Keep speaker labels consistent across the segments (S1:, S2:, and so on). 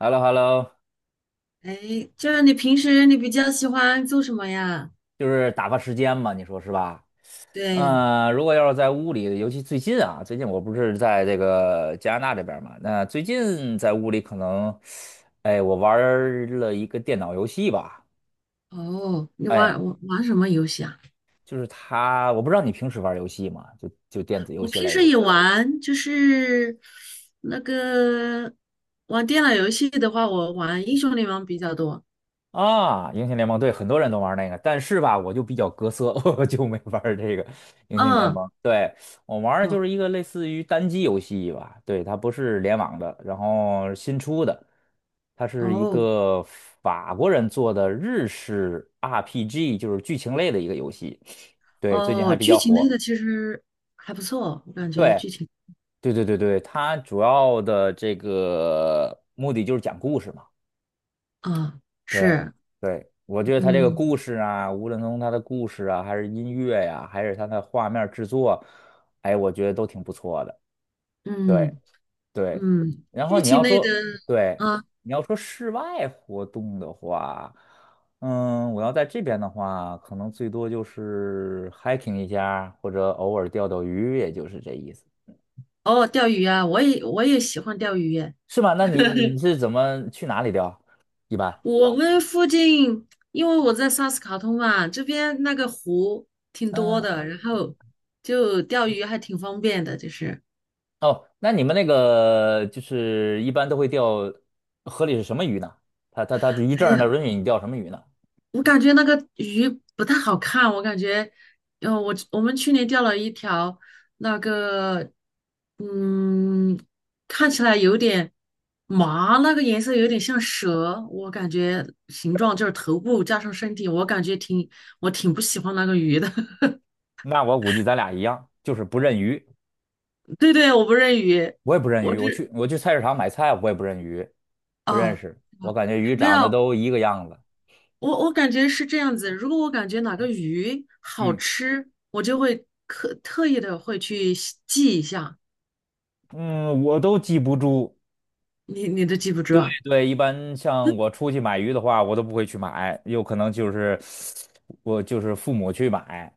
S1: h e l l o h e l l o。
S2: 哎，就是你平时比较喜欢做什么呀？
S1: 就是打发时间嘛，你说是吧？
S2: 对，
S1: 嗯，如果要是在屋里，尤其最近啊，最近我不是在这个加拿大这边儿嘛，那最近在屋里可能，哎，我玩儿了一个电脑游戏吧，
S2: 哦，你
S1: 哎，
S2: 玩什么游戏啊？
S1: 就是它，我不知道你平时玩儿游戏吗？就电子游
S2: 我
S1: 戏
S2: 平
S1: 类
S2: 时
S1: 的。
S2: 也玩，就是那个玩电脑游戏的话，我玩英雄联盟比较多。
S1: 啊，英雄联盟对，很多人都玩那个，但是吧，我就比较隔色，我就没玩儿这个英雄联
S2: 嗯，
S1: 盟。对，我玩的就
S2: 哦
S1: 是一个类似于单机游戏吧，对，它不是联网的，然后新出的，它是一
S2: 哦
S1: 个法国人做的日式 RPG，就是剧情类的一个游戏，对，最近还
S2: 哦，
S1: 比
S2: 剧
S1: 较
S2: 情类
S1: 火。
S2: 的其实还不错，我感觉
S1: 对，
S2: 剧情
S1: 对对对对，它主要的这个目的就是讲故事嘛。
S2: 啊，
S1: 对
S2: 是，
S1: 对，我觉得他这个
S2: 嗯
S1: 故事啊，无论从他的故事啊，还是音乐呀、还是他的画面制作，哎，我觉得都挺不错的。对
S2: 嗯
S1: 对，
S2: 嗯，
S1: 然后
S2: 剧
S1: 你
S2: 情
S1: 要
S2: 类的
S1: 说对，
S2: 啊。
S1: 你要说室外活动的话，嗯，我要在这边的话，可能最多就是 hiking 一下，或者偶尔钓钓鱼，也就是这意思，
S2: 哦，钓鱼啊，我也喜欢钓鱼。
S1: 是吧？那你是怎么去哪里钓？一般？
S2: 我们附近，因为我在萨斯卡通嘛，这边那个湖挺多
S1: 嗯。
S2: 的，然后就钓鱼还挺方便的。就是，
S1: 哦，那你们那个就是一般都会钓河里是什么鱼呢？它渔
S2: 哎
S1: 证他
S2: 呀，
S1: 它允许你钓什么鱼呢？
S2: 我感觉那个鱼不太好看，我感觉，我们去年钓了一条那个，嗯，看起来有点麻，那个颜色有点像蛇，我感觉形状就是头部加上身体，我感觉我挺不喜欢那个鱼的。
S1: 那我估计咱俩一样，就是不认鱼，
S2: 对对，我不认鱼。
S1: 我也不认
S2: 我
S1: 鱼。我
S2: 只
S1: 去我去菜市场买菜，我也不认鱼，
S2: 啊，
S1: 不认
S2: 啊
S1: 识。我感觉鱼
S2: 没
S1: 长得
S2: 有，
S1: 都一个样子，
S2: 我感觉是这样子。如果我感觉哪个鱼好
S1: 嗯
S2: 吃，我就会特意的会去记一下。
S1: 嗯，我都记不住。
S2: 你都记不住
S1: 对
S2: 啊？
S1: 对，一般像我出去买鱼的话，我都不会去买，有可能就是我就是父母去买，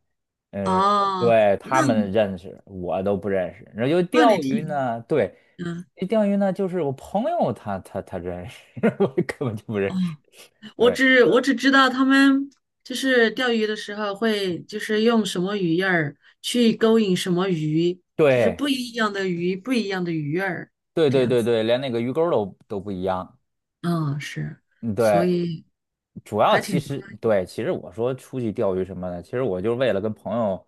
S1: 嗯，
S2: 哦，
S1: 对，他
S2: 那
S1: 们认识，我都不认识。然后就
S2: 那
S1: 钓鱼呢，对，
S2: 嗯，
S1: 钓鱼呢就是我朋友他认识，我根本就不认
S2: 哦，
S1: 识。
S2: 我
S1: 对
S2: 只我只知道他们就是钓鱼的时候会就是用什么鱼饵儿去勾引什么鱼，就是
S1: 对
S2: 不一样的鱼，不一样的鱼饵儿
S1: 对
S2: 这
S1: 对
S2: 样
S1: 对
S2: 子。
S1: 对，连那个鱼钩儿都不一样。
S2: 嗯，是，
S1: 嗯，
S2: 所
S1: 对，
S2: 以
S1: 主要
S2: 还
S1: 其
S2: 挺
S1: 实
S2: 专业。
S1: 对，其实我说出去钓鱼什么的，其实我就是为了跟朋友，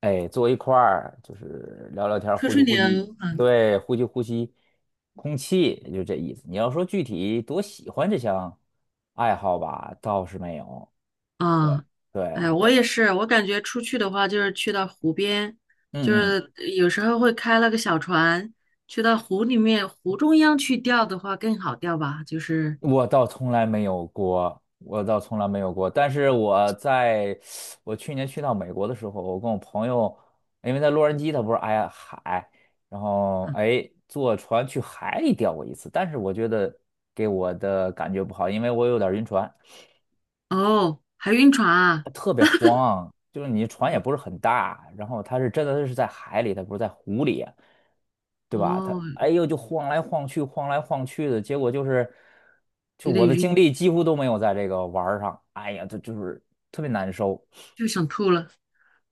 S1: 哎，坐一块儿，就是聊聊天儿，
S2: 吹
S1: 呼吸
S2: 吹
S1: 呼吸，
S2: 牛，啊。
S1: 对，呼吸呼吸空气，就这意思。你要说具体多喜欢这项爱好吧，倒是没有。对
S2: 啊，
S1: 对，
S2: 哎，我也是，我感觉出去的话，就是去到湖边，就
S1: 嗯嗯
S2: 是有时候会开了个小船，去到湖里面，湖中央去钓的话更好钓吧。就是，
S1: 我倒从来没有过，我倒从来没有过。但是我去年去到美国的时候，我跟我朋友，因为在洛杉矶，它不是挨海，然后
S2: 嗯，
S1: 哎坐船去海里钓过一次，但是我觉得给我的感觉不好，因为我有点晕船。
S2: 哦，还晕船啊，
S1: 它特别慌，就是你船也
S2: 哦
S1: 不是很大，然后它是真的是在海里，它不是在湖里，对吧？它
S2: 哦，
S1: 哎呦就晃来晃去，晃来晃去的，结果就是，就
S2: 有
S1: 我
S2: 点
S1: 的精
S2: 晕，
S1: 力几乎都没有在这个玩儿上，哎呀，这就是特别难受。
S2: 就想吐了。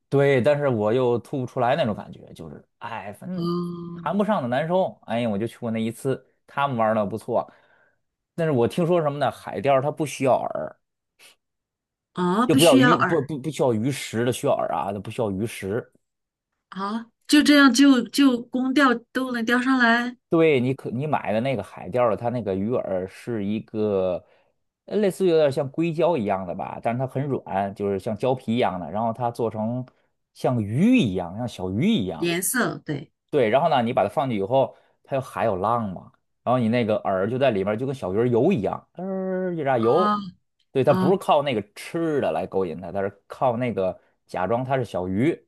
S1: 对，但是我又吐不出来那种感觉，就是哎，反正
S2: 哦，
S1: 谈不上的难受。哎呀，我就去过那一次，他们玩的不错，但是我听说什么呢？海钓它不需要饵，
S2: 啊，
S1: 就
S2: 不
S1: 不要
S2: 需
S1: 鱼，
S2: 要
S1: 不
S2: 饵
S1: 不不需要鱼食的需要饵啊，它不需要鱼食。
S2: 啊，就这样就光钓都能钓上来。
S1: 对你买的那个海钓的，它那个鱼饵是一个类似于有点像硅胶一样的吧，但是它很软，就是像胶皮一样的，然后它做成像鱼一样，像小鱼一样。
S2: 颜色对，
S1: 对，然后呢，你把它放进去以后，它有海有浪嘛，然后你那个饵就在里面儿，就跟小鱼儿游一样，一炸
S2: 啊
S1: 游。对，它不是
S2: 啊
S1: 靠那个吃的来勾引它，它是靠那个假装它是小鱼。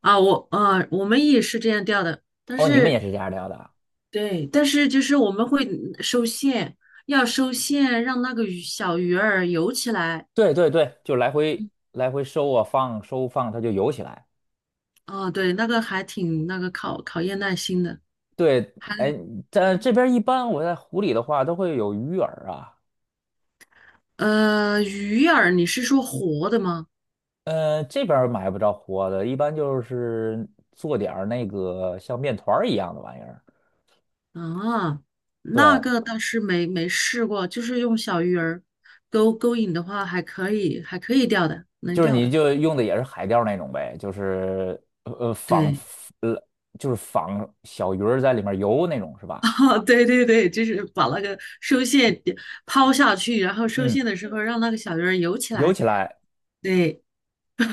S2: 啊，我们也是这样钓的。但
S1: 哦，你们也
S2: 是
S1: 是这样聊的啊
S2: 对，但是就是我们会收线，要收线，让那个鱼小鱼儿游起来。
S1: 对对对，就来回来回收啊放收放，它就游起来。
S2: 啊，对，那个还挺那个考验耐心的。
S1: 对，
S2: 还
S1: 哎，在
S2: 嗯
S1: 这边一般我在湖里的话都会有鱼饵啊，
S2: 鱼饵你是说活的吗？
S1: 这边儿买不着活的，一般就是做点儿那个像面团儿一样的玩意儿。
S2: 啊，那
S1: 对，
S2: 个倒是没试过，就是用小鱼儿勾引的话，还可以，还可以钓的，能
S1: 就是
S2: 钓
S1: 你
S2: 的。
S1: 就用的也是海钓那种呗，就是呃呃仿
S2: 对，
S1: 呃就是仿小鱼儿在里面游那种是 吧？
S2: 啊，对对对，就是把那个收线点抛下去，然后收
S1: 嗯，
S2: 线的时候让那个小鱼儿游起
S1: 游
S2: 来。
S1: 起来，
S2: 对。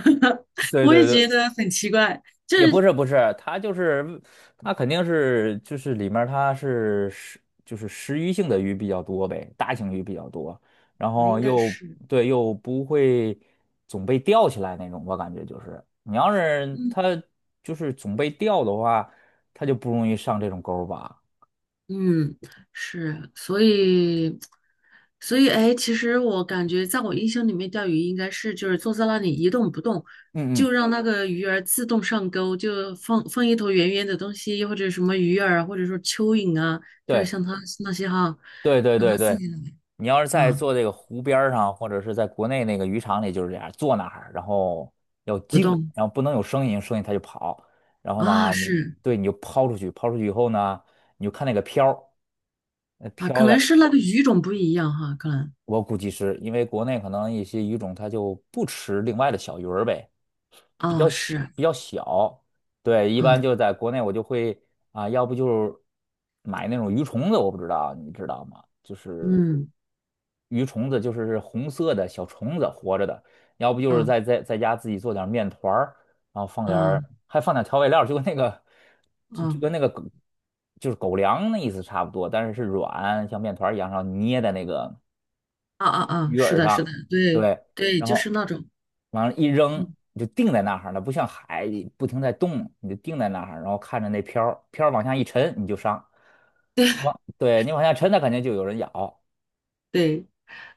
S1: 对
S2: 我也
S1: 对对。
S2: 觉得很奇怪。就
S1: 也不
S2: 是
S1: 是不是，它就是它肯定是就是里面儿它是食就是食鱼性的鱼比较多呗，大型鱼比较多，然
S2: 我
S1: 后
S2: 应该
S1: 又
S2: 是，
S1: 对又不会总被钓起来那种，我感觉就是你要是
S2: 嗯
S1: 它就是总被钓的话，它就不容易上这种钩儿吧。
S2: 嗯，是，所以，哎，其实我感觉，在我印象里面，钓鱼应该是就是坐在那里一动不动，
S1: 嗯
S2: 就
S1: 嗯，
S2: 让那个鱼儿自动上钩，就放一头圆圆的东西，或者什么鱼饵啊或者说蚯蚓啊，就是
S1: 对。
S2: 像它那些哈，
S1: 对对
S2: 让它
S1: 对
S2: 自
S1: 对，
S2: 己来。
S1: 你要是在
S2: 啊，
S1: 做这个湖边儿上，或者是在国内那个渔场里，就是这样，坐那儿，然后要
S2: 不
S1: 静，
S2: 动，
S1: 然后不能有声音，有声音它就跑。然后
S2: 啊，
S1: 呢，
S2: 是
S1: 对，你就抛出去，抛出去以后呢，你就看那个漂儿，呃
S2: 啊，可
S1: 漂的，
S2: 能是那个鱼种不一样哈，可能
S1: 我估计是因为国内可能一些鱼种它就不吃另外的小鱼儿呗，比较
S2: 啊，
S1: 小，
S2: 是
S1: 比较小。对，一
S2: 啊，
S1: 般就在国内我就会啊，要不就是买那种鱼虫子，我不知道，你知道吗？就是。
S2: 嗯。
S1: 鱼虫子，就是红色的小虫子活着的，要不就是
S2: 啊。
S1: 在家自己做点面团儿，然后放点儿
S2: 嗯
S1: 还放点调味料就跟那个就就
S2: 嗯，
S1: 跟那个狗就是狗粮那意思差不多，但是是软，像面团儿一样，然后捏在那个
S2: 啊啊啊！
S1: 鱼
S2: 是
S1: 饵
S2: 的，是
S1: 上，
S2: 的，对
S1: 对，
S2: 对，
S1: 然
S2: 就是
S1: 后
S2: 那种，
S1: 往上一扔。
S2: 嗯，
S1: 你就定在那儿了，不像海不停在动，你就定在那儿，然后看着那漂儿漂儿往下一沉，你就上。往对你往下沉，它肯定就有人咬。
S2: 对，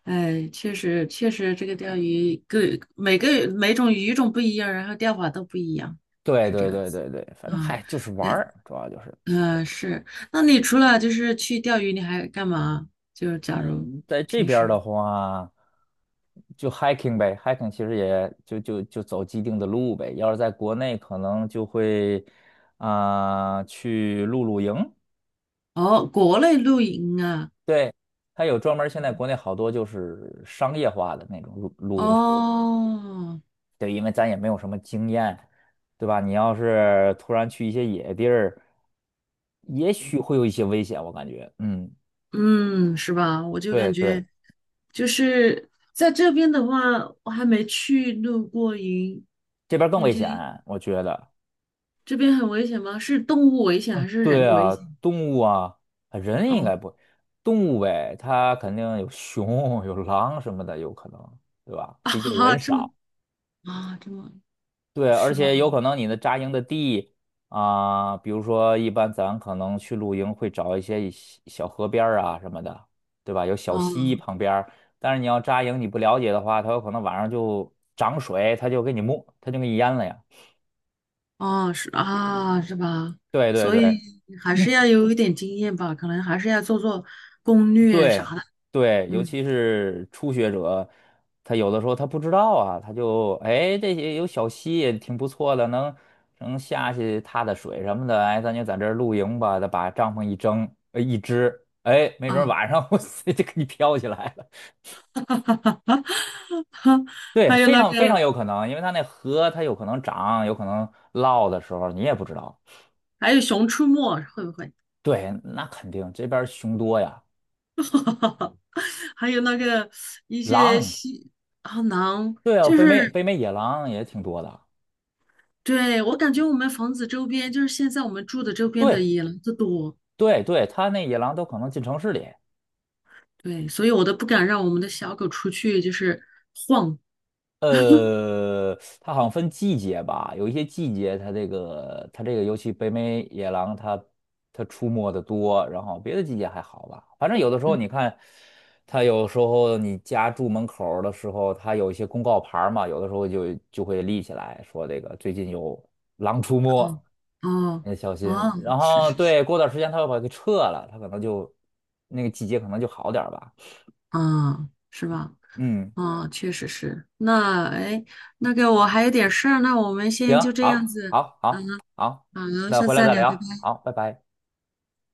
S2: 哎，确实确实，这个钓鱼各每个每种鱼种不一样，然后钓法都不一样，
S1: 对
S2: 是这
S1: 对
S2: 样
S1: 对
S2: 子。
S1: 对对，反正
S2: 啊，
S1: 嗨，就是玩
S2: 那
S1: 儿，主要就是，
S2: 呃是，那你除了就是去钓鱼，你还干嘛？就是假如
S1: 嗯，在这
S2: 平
S1: 边
S2: 时
S1: 儿的话，就 hiking 呗，hiking 其实也就走既定的路呗。要是在国内，可能就会啊、去露营，
S2: 哦，国内露营啊，
S1: 对，它有专门儿现在国内好多就是商业化的那种露营场地，
S2: 哦，
S1: 对，因为咱也没有什么经验，对吧？你要是突然去一些野地儿，也许会有一些危险，我感觉，嗯，
S2: 嗯，是吧？我就
S1: 对
S2: 感
S1: 对。
S2: 觉。就是在这边的话，我还没去露过营，
S1: 这边更
S2: 感
S1: 危
S2: 觉
S1: 险，我觉得。
S2: 这边很危险吗？是动物危险还
S1: 嗯，
S2: 是人
S1: 对
S2: 危
S1: 啊，
S2: 险？
S1: 动物啊，啊人应
S2: 哦，
S1: 该不，动物呗，它肯定有熊、有狼什么的，有可能，对吧？毕竟
S2: 啊，
S1: 人
S2: 这么
S1: 少。
S2: 啊，这么
S1: 对，而
S2: 是吧？
S1: 且有可能你的扎营的地啊，比如说一般咱可能去露营会找一些小小河边儿啊什么的，对吧？有小
S2: 啊
S1: 溪旁边儿但是你要扎营你不了解的话，它有可能晚上就涨水，它就给你没，它就给你淹了呀。
S2: 啊，是啊，是吧？
S1: 对对
S2: 所以
S1: 对。
S2: 还是要有一点经验吧，可能还是要做做攻略
S1: 对
S2: 啥的。
S1: 对，尤
S2: 嗯，
S1: 其是初学者，他有的时候他不知道啊，他就哎这些有小溪也挺不错的，能下去踏踏水什么的，哎，咱就在这儿露营吧，他把帐篷一蒸，一支，哎，没准儿
S2: 啊，
S1: 晚上 我塞就给你飘起来了。对，
S2: 还有
S1: 非
S2: 那
S1: 常非常
S2: 个，
S1: 有可能，因为它那河它有可能涨，有可能涝的时候你也不知道。
S2: 还有《熊出没》，会不会？
S1: 对，那肯定这边儿熊多呀，
S2: 还有那个一些
S1: 狼，
S2: 好囊，
S1: 对啊，
S2: 就
S1: 北美
S2: 是
S1: 北美野狼也挺多的。
S2: 对我感觉我们房子周边，就是现在我们住的周边的
S1: 对，
S2: 野狼子多，
S1: 对对，它那野狼都可能进城市里。
S2: 对，所以我都不敢让我们的小狗出去，就是晃。
S1: 它好像分季节吧，有一些季节它这个它这个，尤其北美野狼它出没的多，然后别的季节还好吧。反正有的时候你看，它有时候你家住门口儿的时候，它有一些公告牌儿嘛，有的时候就会立起来说这个最近有狼出
S2: 嗯，
S1: 没，
S2: 哦
S1: 你得小
S2: 哦
S1: 心。
S2: 哦，
S1: 然
S2: 是
S1: 后
S2: 是是，
S1: 对，过段时间它又把它给撤了，它可能就那个季节可能就好点儿吧。
S2: 啊，是吧？
S1: 嗯。
S2: 啊，确实是。那哎，那个我还有点事儿，那我们先
S1: 行，
S2: 就这样
S1: 好，
S2: 子，
S1: 好，
S2: 嗯，
S1: 好，好，
S2: 好，
S1: 那
S2: 下次
S1: 回来
S2: 再
S1: 再
S2: 聊。拜
S1: 聊，
S2: 拜。
S1: 好，拜拜。